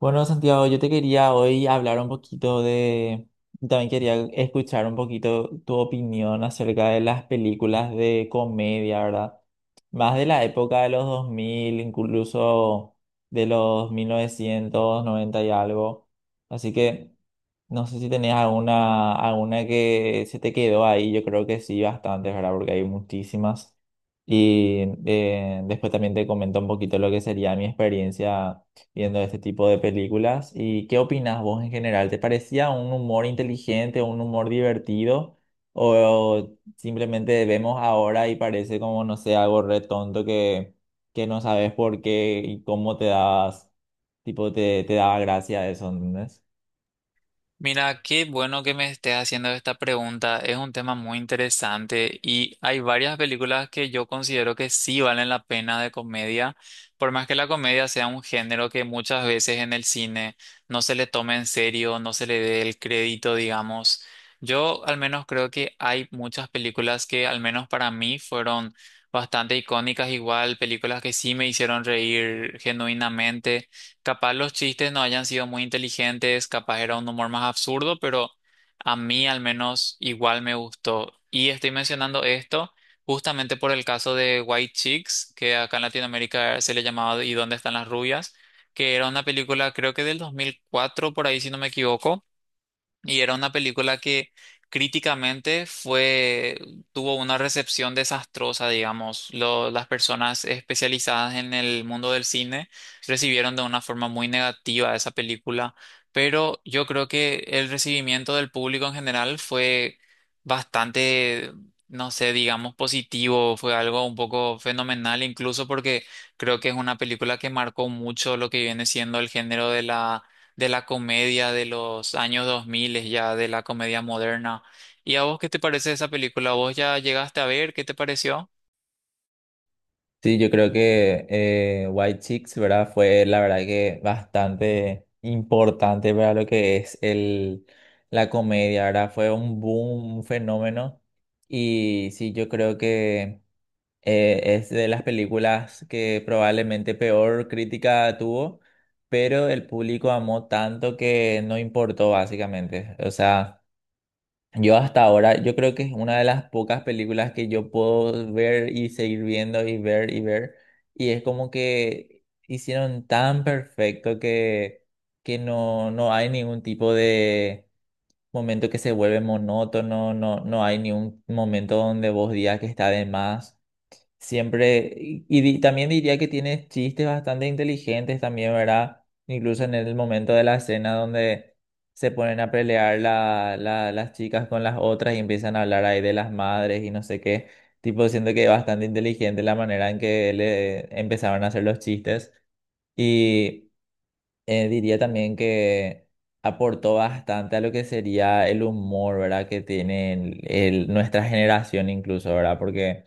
Bueno, Santiago, yo te quería hoy hablar un poquito de, también quería escuchar un poquito tu opinión acerca de las películas de comedia, ¿verdad? Más de la época de los 2000, incluso de los 1990 y algo. Así que no sé si tenías alguna que se te quedó ahí, yo creo que sí, bastantes, ¿verdad? Porque hay muchísimas. Y después también te comento un poquito lo que sería mi experiencia viendo este tipo de películas. ¿Y qué opinas vos en general? ¿Te parecía un humor inteligente, un humor divertido? ¿O simplemente vemos ahora y parece como, no sé, algo re tonto que no sabes por qué y cómo te das, tipo, te daba gracia eso, ¿entendés? Mira, qué bueno que me estés haciendo esta pregunta. Es un tema muy interesante y hay varias películas que yo considero que sí valen la pena de comedia, por más que la comedia sea un género que muchas veces en el cine no se le tome en serio, no se le dé el crédito, digamos. Yo al menos creo que hay muchas películas que al menos para mí fueron bastante icónicas, igual películas que sí me hicieron reír genuinamente. Capaz los chistes no hayan sido muy inteligentes, capaz era un humor más absurdo, pero a mí al menos igual me gustó. Y estoy mencionando esto justamente por el caso de White Chicks, que acá en Latinoamérica se le llamaba ¿Y dónde están las rubias? Que era una película creo que del 2004, por ahí, si no me equivoco. Y era una película que críticamente fue, tuvo una recepción desastrosa, digamos. Las personas especializadas en el mundo del cine recibieron de una forma muy negativa esa película, pero yo creo que el recibimiento del público en general fue bastante, no sé, digamos, positivo, fue algo un poco fenomenal, incluso porque creo que es una película que marcó mucho lo que viene siendo el género de la comedia de los años 2000, ya de la comedia moderna. ¿Y a vos qué te parece esa película? ¿Vos ya llegaste a ver? ¿Qué te pareció? Sí, yo creo que White Chicks, ¿verdad? Fue la verdad que bastante importante para lo que es el, la comedia, ¿verdad? Fue un boom, un fenómeno. Y sí, yo creo que es de las películas que probablemente peor crítica tuvo, pero el público amó tanto que no importó, básicamente. O sea, yo hasta ahora, yo creo que es una de las pocas películas que yo puedo ver y seguir viendo y ver y ver. Y es como que hicieron tan perfecto que no, no hay ningún tipo de momento que se vuelve monótono, no, no hay ningún momento donde vos digas que está de más. Siempre, también diría que tiene chistes bastante inteligentes también, ¿verdad? Incluso en el momento de la escena donde se ponen a pelear las chicas con las otras y empiezan a hablar ahí de las madres y no sé qué. Tipo, siento que es bastante inteligente la manera en que le empezaron a hacer los chistes. Y diría también que aportó bastante a lo que sería el humor, ¿verdad? Que tiene nuestra generación incluso, ¿verdad? Porque...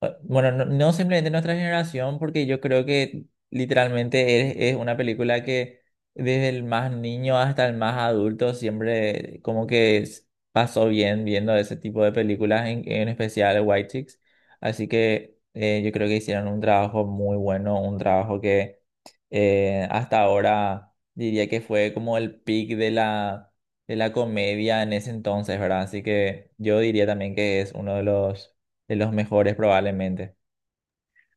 Ah, bueno, no simplemente nuestra generación, porque yo creo que literalmente es una película que desde el más niño hasta el más adulto siempre como que pasó bien viendo ese tipo de películas, en especial White Chicks. Así que yo creo que hicieron un trabajo muy bueno, un trabajo que hasta ahora diría que fue como el peak de la comedia en ese entonces, ¿verdad? Así que yo diría también que es uno de los mejores probablemente.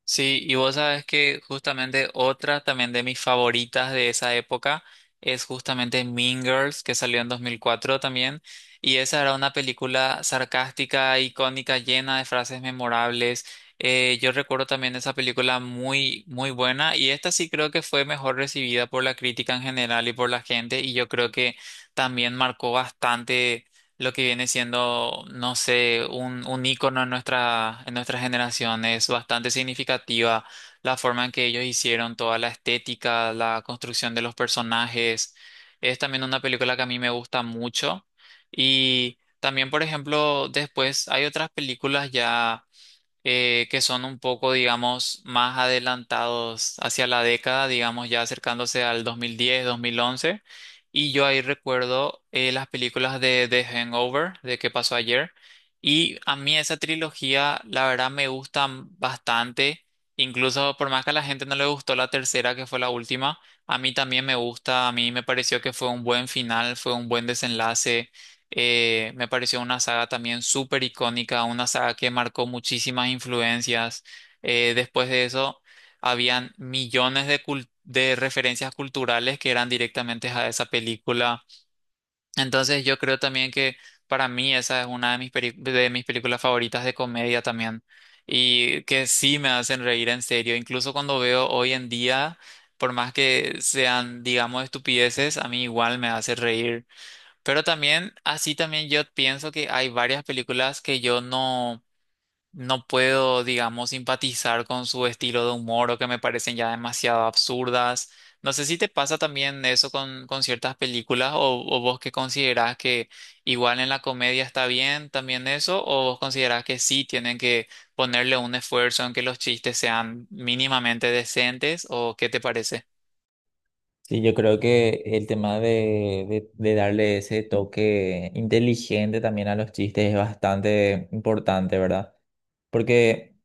Sí, y vos sabes que justamente otra también de mis favoritas de esa época es justamente Mean Girls, que salió en 2004 también. Y esa era una película sarcástica, icónica, llena de frases memorables. Yo recuerdo también esa película muy, muy buena. Y esta sí creo que fue mejor recibida por la crítica en general y por la gente. Y yo creo que también marcó bastante lo que viene siendo, no sé, un ícono en nuestra generación. Es bastante significativa la forma en que ellos hicieron toda la estética, la construcción de los personajes. Es también una película que a mí me gusta mucho. Y también, por ejemplo, después hay otras películas ya que son un poco, digamos, más adelantados hacia la década, digamos, ya acercándose al 2010, 2011. Y yo ahí recuerdo, las películas de The Hangover, de qué pasó ayer. Y a mí esa trilogía, la verdad, me gustan bastante. Incluso por más que a la gente no le gustó la tercera, que fue la última, a mí también me gusta, a mí me pareció que fue un buen final, fue un buen desenlace. Me pareció una saga también súper icónica, una saga que marcó muchísimas influencias. Después de eso, habían millones de, de referencias culturales que eran directamente a esa película. Entonces, yo creo también que para mí esa es una de mis, de mis películas favoritas de comedia también. Y que sí me hacen reír en serio. Incluso cuando veo hoy en día, por más que sean, digamos, estupideces, a mí igual me hace reír. Pero también, así también yo pienso que hay varias películas que yo no, no puedo, digamos, simpatizar con su estilo de humor o que me parecen ya demasiado absurdas. No sé si te pasa también eso con ciertas películas o vos que considerás que igual en la comedia está bien también eso o vos considerás que sí tienen que ponerle un esfuerzo en que los chistes sean mínimamente decentes, ¿o qué te parece? Sí, yo creo que el tema de darle ese toque inteligente también a los chistes es bastante importante, ¿verdad? Porque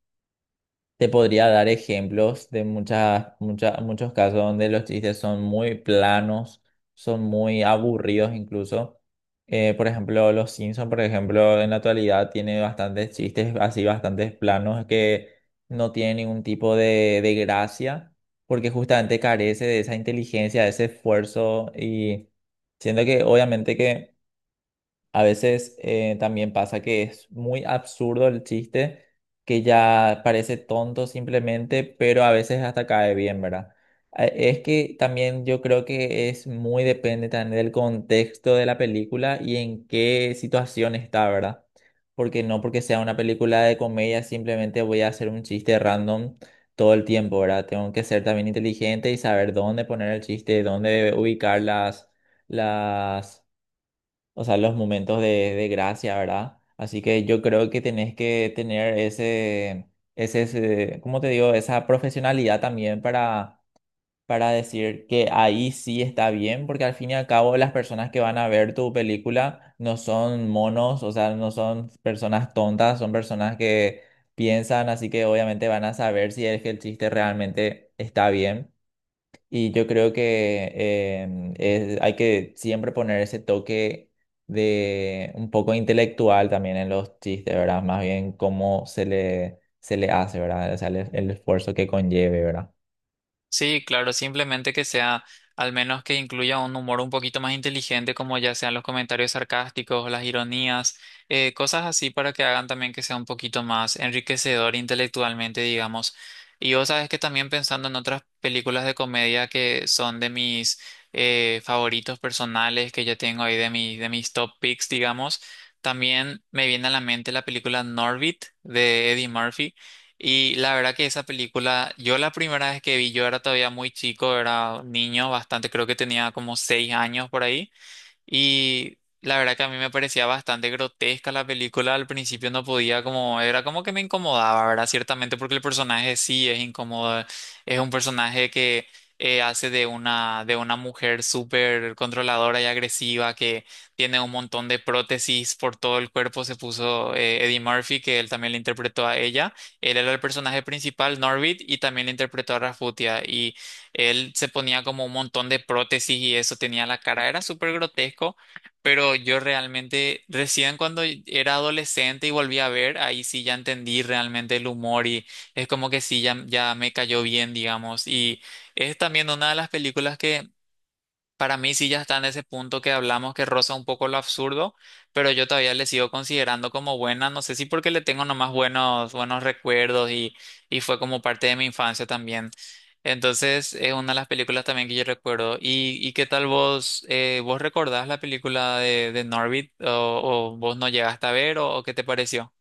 te podría dar ejemplos de muchas, muchas, muchos casos donde los chistes son muy planos, son muy aburridos incluso. Por ejemplo, Los Simpson, por ejemplo, en la actualidad tiene bastantes chistes así, bastantes planos que no tienen ningún tipo de gracia, porque justamente carece de esa inteligencia, de ese esfuerzo y siento que obviamente que a veces también pasa que es muy absurdo el chiste, que ya parece tonto simplemente, pero a veces hasta cae bien, ¿verdad? Es que también yo creo que es muy depende también del contexto de la película y en qué situación está, ¿verdad? Porque no porque sea una película de comedia simplemente voy a hacer un chiste random todo el tiempo, ¿verdad? Tengo que ser también inteligente y saber dónde poner el chiste, dónde ubicar las o sea, los momentos de gracia, ¿verdad? Así que yo creo que tenés que tener ese, ¿cómo te digo? Esa profesionalidad también para decir que ahí sí está bien, porque al fin y al cabo las personas que van a ver tu película no son monos, o sea, no son personas tontas, son personas que piensan, así que obviamente van a saber si es que el chiste realmente está bien. Y yo creo que hay que siempre poner ese toque de un poco intelectual también en los chistes, ¿verdad? Más bien cómo se le hace, ¿verdad? O sea, el esfuerzo que conlleve, ¿verdad? Sí, claro, simplemente que sea, al menos que incluya un humor un poquito más inteligente, como ya sean los comentarios sarcásticos, las ironías, cosas así para que hagan también que sea un poquito más enriquecedor intelectualmente, digamos. Y vos sabes que también pensando en otras películas de comedia que son de mis favoritos personales, que yo tengo ahí de mi, de mis top picks, digamos, también me viene a la mente la película Norbit de Eddie Murphy. Y la verdad que esa película, yo la primera vez que vi, yo era todavía muy chico, era niño, bastante, creo que tenía como 6 años por ahí. Y la verdad que a mí me parecía bastante grotesca la película. Al principio no podía como, era como que me incomodaba, ¿verdad? Ciertamente porque el personaje sí es incómodo. Es un personaje que hace de una mujer súper controladora y agresiva que tiene un montón de prótesis por todo el cuerpo. Se puso, Eddie Murphy, que él también le interpretó a ella. Él era el personaje principal, Norbit, y también le interpretó a Rasputia. Él se ponía como un montón de prótesis y eso, tenía la cara, era súper grotesco, pero yo realmente recién cuando era adolescente y volví a ver, ahí sí ya entendí realmente el humor. Y es como que sí, ya, ya me cayó bien, digamos, y es también una de las películas que… Para mí sí ya está en ese punto que hablamos, que roza un poco lo absurdo, pero yo todavía le sigo considerando como buena, no sé si porque le tengo nomás buenos, buenos recuerdos y fue como parte de mi infancia también. Entonces es una de las películas también que yo recuerdo. Y qué tal vos? ¿Vos recordás la película de Norbit o vos no llegaste a ver o qué te pareció?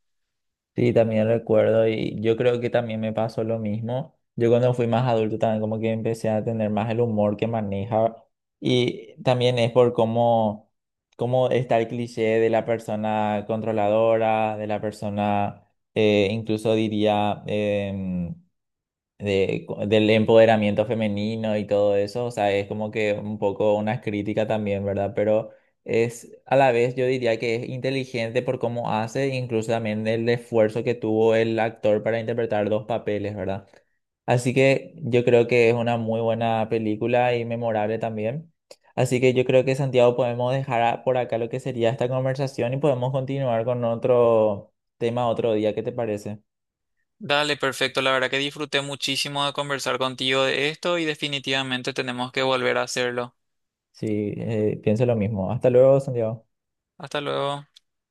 Sí, también recuerdo y yo creo que también me pasó lo mismo. Yo cuando fui más adulto también como que empecé a tener más el humor que maneja y también es por cómo, cómo está el cliché de la persona controladora, de la persona, incluso diría, del empoderamiento femenino y todo eso, o sea, es como que un poco una crítica también, ¿verdad? Pero es a la vez yo diría que es inteligente por cómo hace, incluso también el esfuerzo que tuvo el actor para interpretar dos papeles, ¿verdad? Así que yo creo que es una muy buena película y memorable también. Así que yo creo que Santiago podemos dejar por acá lo que sería esta conversación y podemos continuar con otro tema otro día, ¿qué te parece? Dale, perfecto. La verdad que disfruté muchísimo de conversar contigo de esto y definitivamente tenemos que volver a hacerlo. Sí, pienso lo mismo. Hasta luego, Santiago. Hasta luego.